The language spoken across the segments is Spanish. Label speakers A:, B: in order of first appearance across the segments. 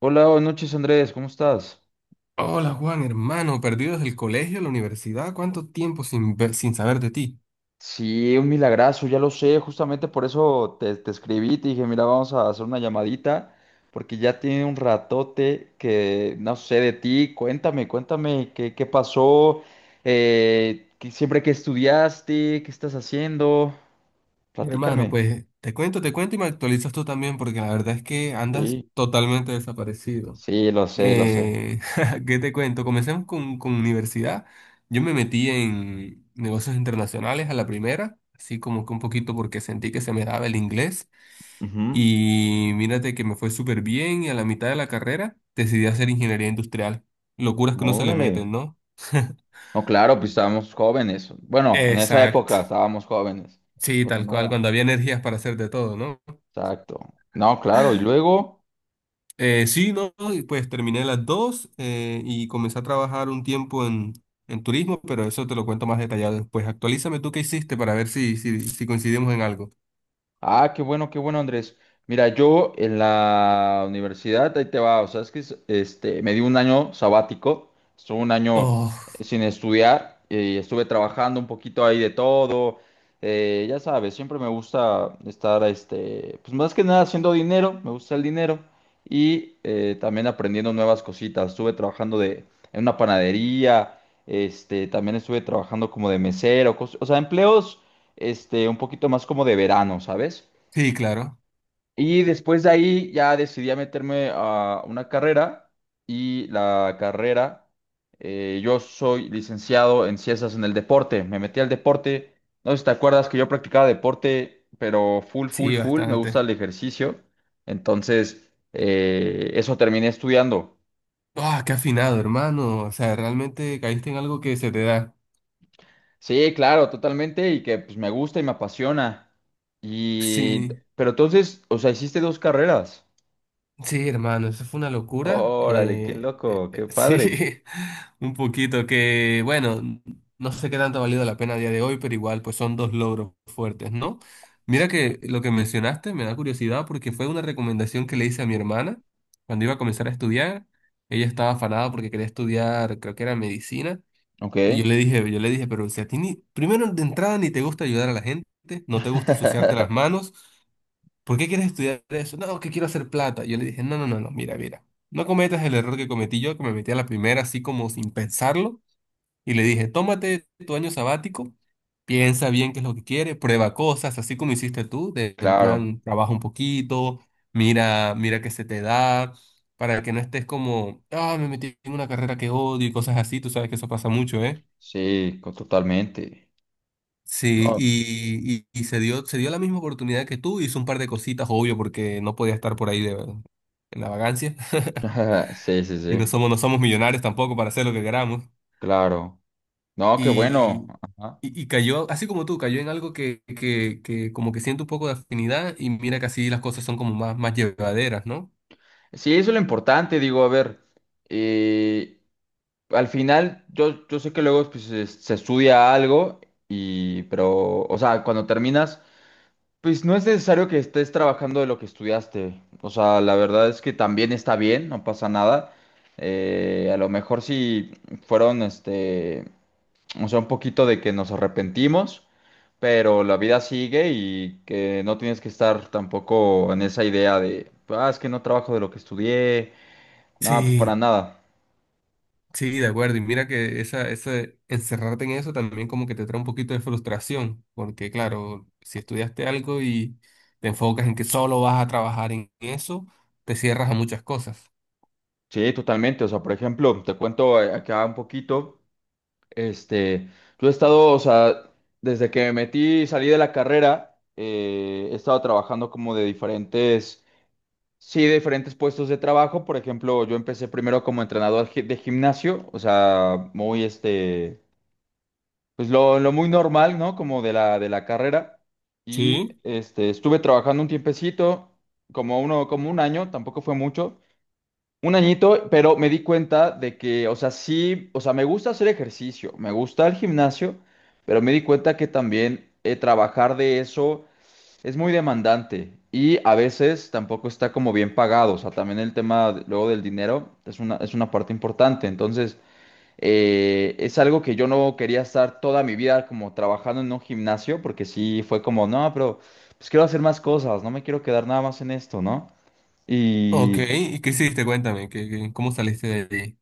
A: Hola, buenas noches Andrés, ¿cómo estás?
B: Hola Juan, hermano, perdido desde el colegio, la universidad, ¿cuánto tiempo sin saber de ti?
A: Sí, un milagrazo, ya lo sé, justamente por eso te escribí, te dije, mira, vamos a hacer una llamadita, porque ya tiene un ratote que no sé de ti, cuéntame, cuéntame qué pasó, que siempre que estudiaste, qué estás haciendo,
B: Hermano,
A: platícame.
B: pues te cuento y me actualizas tú también, porque la verdad es que andas
A: Sí,
B: totalmente desaparecido.
A: sí, lo sé, lo sé.
B: Eh, ¿Qué te cuento? Comencemos con universidad. Yo me metí en negocios internacionales a la primera, así como que un poquito porque sentí que se me daba el inglés.
A: Ujú.
B: Y mírate que me fue súper bien y a la mitad de la carrera decidí hacer ingeniería industrial. Locuras que no se le meten,
A: Órale.
B: ¿no?
A: No, claro, pues estábamos jóvenes. Bueno, en esa época
B: Exacto.
A: estábamos jóvenes.
B: Sí,
A: Pues
B: tal cual,
A: nada.
B: cuando había energías para hacer de todo, ¿no?
A: Exacto. No, claro. Y luego,
B: Sí, no, y pues terminé las dos y comencé a trabajar un tiempo en turismo, pero eso te lo cuento más detallado después. Actualízame tú qué hiciste para ver si coincidimos en algo.
A: ah, qué bueno, Andrés. Mira, yo en la universidad, ahí te va, o sea, este, me di un año sabático, estuve un año
B: Oh,
A: sin estudiar y estuve trabajando un poquito ahí de todo. Ya sabes, siempre me gusta estar, este, pues más que nada haciendo dinero, me gusta el dinero y también aprendiendo nuevas cositas. Estuve trabajando de, en una panadería, este, también estuve trabajando como de mesero, o sea, empleos este, un poquito más como de verano, ¿sabes?
B: sí, claro.
A: Y después de ahí ya decidí a meterme a una carrera y la carrera, yo soy licenciado en ciencias en el deporte, me metí al deporte, no sé si te acuerdas que yo practicaba deporte, pero full, full,
B: Sí,
A: full, me gusta
B: bastante.
A: el ejercicio, entonces eso terminé estudiando.
B: Ah, qué afinado, hermano. O sea, realmente caíste en algo que se te da.
A: Sí, claro, totalmente, y que pues me gusta y me apasiona. Y,
B: Sí.
A: pero entonces, o sea, hiciste dos carreras.
B: Sí, hermano, eso fue una locura.
A: Órale, qué loco, qué padre.
B: Sí, un poquito que, bueno, no sé qué tanto ha valido la pena a día de hoy, pero igual, pues son dos logros fuertes, ¿no? Mira que lo que mencionaste me da curiosidad porque fue una recomendación que le hice a mi hermana cuando iba a comenzar a estudiar. Ella estaba afanada porque quería estudiar, creo que era medicina,
A: Ok.
B: y yo le dije, pero si a ti ni, primero de entrada ni te gusta ayudar a la gente, no te gusta ensuciarte las manos. ¿Por qué quieres estudiar eso? No, que quiero hacer plata. Yo le dije, no, no, no, no, mira, no cometas el error que cometí yo, que me metí a la primera así como sin pensarlo, y le dije, tómate tu año sabático, piensa bien qué es lo que quieres, prueba cosas, así como hiciste tú, de, en
A: Claro,
B: plan, trabaja un poquito, mira qué se te da, para que no estés como, ah, me metí en una carrera que odio y cosas así, tú sabes que eso pasa mucho, ¿eh?
A: sí, totalmente.
B: Sí,
A: No,
B: y se dio la misma oportunidad que tú, hizo un par de cositas, obvio, porque no podía estar por ahí de, en la vagancia.
A: sí, sí,
B: Y no
A: sí,
B: somos, no somos millonarios tampoco para hacer lo que queramos.
A: claro. No, qué bueno.
B: Y,
A: Ajá.
B: y cayó, así como tú, cayó en algo que como que siento un poco de afinidad y mira que así las cosas son como más, más llevaderas, ¿no?
A: Sí, eso es lo importante, digo, a ver, eh, al final yo sé que luego pues, se estudia algo y, pero, o sea, cuando terminas pues no es necesario que estés trabajando de lo que estudiaste. O sea, la verdad es que también está bien, no pasa nada. A lo mejor si fueron, este, o sea, un poquito de que nos arrepentimos, pero la vida sigue y que no tienes que estar tampoco en esa idea de, ah, es que no trabajo de lo que estudié. No, pues
B: Sí.
A: para nada.
B: Sí, de acuerdo. Y mira que esa, ese encerrarte en eso también como que te trae un poquito de frustración, porque claro, si estudiaste algo y te enfocas en que solo vas a trabajar en eso, te cierras a muchas cosas.
A: Sí, totalmente. O sea, por ejemplo, te cuento acá un poquito. Este, yo he estado, o sea, desde que me metí y salí de la carrera, he estado trabajando como de diferentes, sí, de diferentes puestos de trabajo. Por ejemplo, yo empecé primero como entrenador de gimnasio, o sea, muy, este, pues lo muy normal, ¿no? Como de la carrera. Y,
B: Sí.
A: este, estuve trabajando un tiempecito, como uno, como un año, tampoco fue mucho. Un añito, pero me di cuenta de que, o sea, sí, o sea, me gusta hacer ejercicio, me gusta el gimnasio, pero me di cuenta que también trabajar de eso es muy demandante y a veces tampoco está como bien pagado, o sea, también el tema luego del dinero es una parte importante, entonces es algo que yo no quería estar toda mi vida como trabajando en un gimnasio, porque sí fue como, no, pero pues quiero hacer más cosas, no me quiero quedar nada más en esto, ¿no?
B: Ok, ¿y qué hiciste? Cuéntame, ¿cómo saliste de-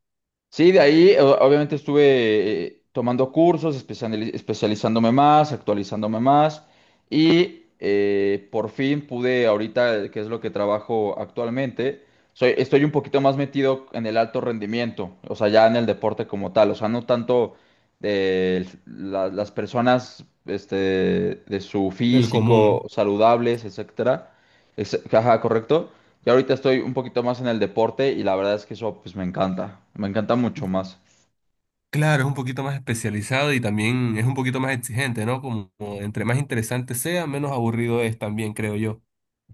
A: Sí, de ahí obviamente estuve tomando cursos, especializándome más, actualizándome más y por fin pude ahorita, que es lo que trabajo actualmente, soy, estoy un poquito más metido en el alto rendimiento, o sea, ya en el deporte como tal, o sea, no tanto las personas este, de su
B: del
A: físico
B: común?
A: saludables, etcétera. Ajá, correcto. Yo ahorita estoy un poquito más en el deporte y la verdad es que eso pues me encanta mucho más.
B: Claro, es un poquito más especializado y también es un poquito más exigente, ¿no? Como entre más interesante sea, menos aburrido es también, creo yo.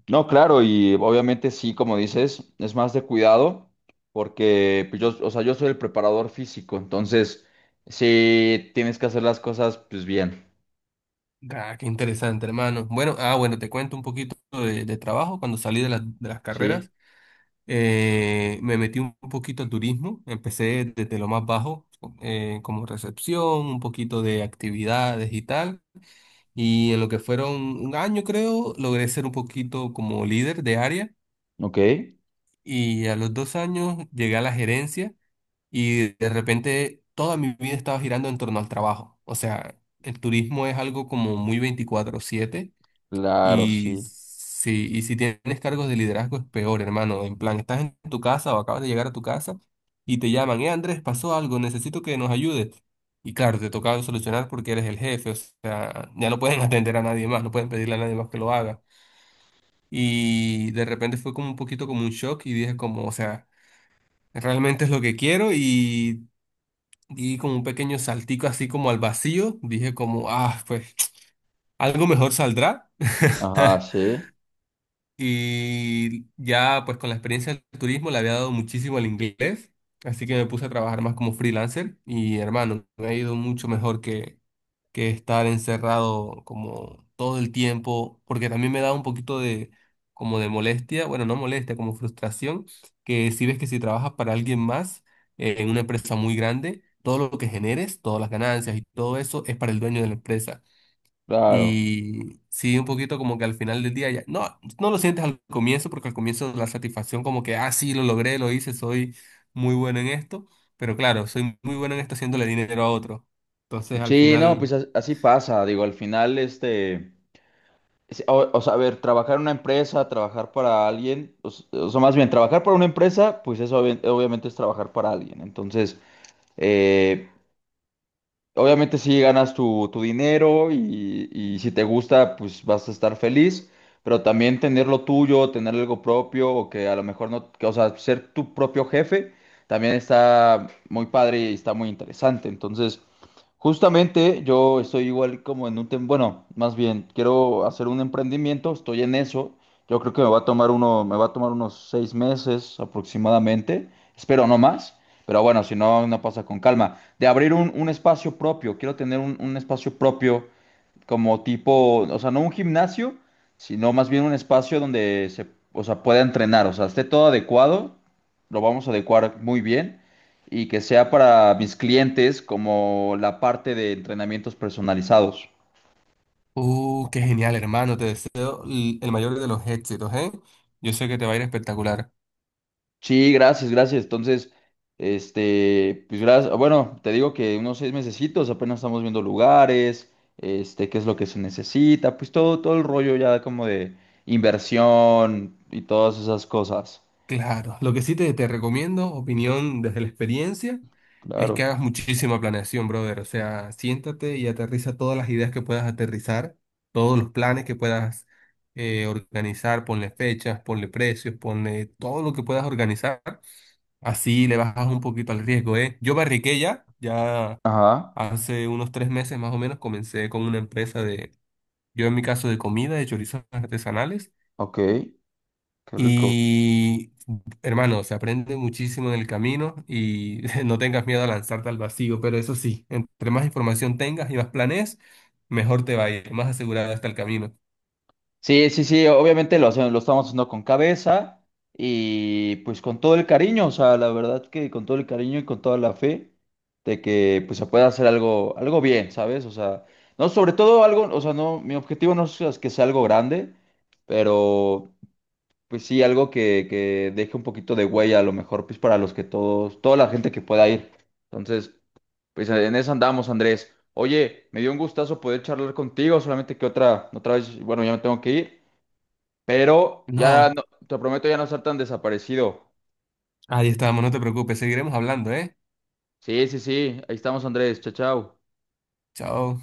A: No, claro, y obviamente sí, como dices, es más de cuidado porque pues, yo, o sea, yo soy el preparador físico, entonces sí tienes que hacer las cosas pues bien,
B: Ah, qué interesante, hermano. Bueno, ah, bueno, te cuento un poquito de trabajo. Cuando salí de las
A: ¿sí?
B: carreras, me metí un poquito al turismo. Empecé desde lo más bajo, como recepción, un poquito de actividades y tal. Y en lo que fueron 1 año, creo, logré ser un poquito como líder de área.
A: Ok,
B: Y a los 2 años llegué a la gerencia y de repente toda mi vida estaba girando en torno al trabajo. O sea, el turismo es algo como muy 24/7.
A: claro,
B: Y
A: sí.
B: si tienes cargos de liderazgo es peor, hermano. En plan, estás en tu casa o acabas de llegar a tu casa y te llaman, Andrés, pasó algo, necesito que nos ayudes. Y claro, te toca solucionar porque eres el jefe, o sea, ya no pueden atender a nadie más, no pueden pedirle a nadie más que lo haga. Y de repente fue como un poquito como un shock y dije como, o sea, realmente es lo que quiero y di como un pequeño saltico así como al vacío, dije como, ah, pues algo mejor saldrá.
A: Ajá, sí,
B: Y ya pues con la experiencia del turismo le había dado muchísimo al inglés, así que me puse a trabajar más como freelancer y hermano, me ha ido mucho mejor que estar encerrado como todo el tiempo, porque también me da un poquito de como de molestia, bueno, no molestia, como frustración, que si ves que si trabajas para alguien más en una empresa muy grande, todo lo que generes, todas las ganancias y todo eso es para el dueño de la empresa.
A: claro.
B: Y sí, un poquito como que al final del día ya, no lo sientes al comienzo, porque al comienzo la satisfacción como que, ah, sí, lo logré, lo hice, soy muy bueno en esto, pero claro, soy muy bueno en esto haciéndole dinero a otro. Entonces al
A: Sí, no, pues
B: final,
A: así pasa, digo, al final este… Sí, O, o sea, a ver, trabajar en una empresa, trabajar para alguien, o, o sea, más bien, trabajar para una empresa, pues eso obviamente es trabajar para alguien. Entonces, eh, obviamente si ganas tu dinero y si te gusta, pues vas a estar feliz, pero también tener lo tuyo, tener algo propio, o que a lo mejor no, que, o sea, ser tu propio jefe, también está muy padre y está muy interesante. Entonces, justamente yo estoy igual como en un tema, bueno, más bien, quiero hacer un emprendimiento, estoy en eso. Yo creo que me va a tomar unos 6 meses aproximadamente, espero no más, pero bueno, si no, no pasa con calma. De abrir un espacio propio, quiero tener un espacio propio como tipo, o sea, no un gimnasio, sino más bien un espacio donde se, o sea, pueda entrenar, o sea, esté todo adecuado, lo vamos a adecuar muy bien y que sea para mis clientes como la parte de entrenamientos personalizados.
B: qué genial, hermano, te deseo el mayor de los éxitos, ¿eh? Yo sé que te va a ir espectacular.
A: Sí, gracias, gracias. Entonces, este, pues gracias. Bueno, te digo que unos 6 mesecitos apenas estamos viendo lugares, este, qué es lo que se necesita, pues todo, todo el rollo ya como de inversión y todas esas cosas.
B: Claro, lo que sí te recomiendo, opinión desde la experiencia, es que
A: Claro.
B: hagas muchísima planeación, brother. O sea, siéntate y aterriza todas las ideas que puedas aterrizar, todos los planes que puedas organizar, ponle fechas, ponle precios, ponle todo lo que puedas organizar. Así le bajas un poquito al riesgo, ¿eh? Yo barriqué ya
A: Ajá,
B: hace unos 3 meses más o menos comencé con una empresa de, yo en mi caso de comida, de chorizos artesanales.
A: ok, qué rico.
B: Y hermano, se aprende muchísimo en el camino y no tengas miedo a lanzarte al vacío, pero eso sí, entre más información tengas y más planes mejor te va a ir, más asegurado está el camino.
A: Sí, sí, sí, obviamente lo hacemos, lo estamos haciendo con cabeza y pues con todo el cariño, o sea, la verdad que con todo el cariño y con toda la fe de que pues se pueda hacer algo, algo bien, ¿sabes? O sea, no, sobre todo algo, o sea, no, mi objetivo no es que sea algo grande, pero pues sí, algo que deje un poquito de huella a lo mejor, pues para los que todos, toda la gente que pueda ir. Entonces, pues en eso andamos, Andrés. Oye, me dio un gustazo poder charlar contigo, solamente que otra, otra vez, bueno, ya me tengo que ir, pero
B: No,
A: te prometo ya no estar tan desaparecido.
B: ahí estamos, no te preocupes, seguiremos hablando, ¿eh?
A: Sí, sí, sí, ahí estamos, Andrés. Chao, chao.
B: Chao.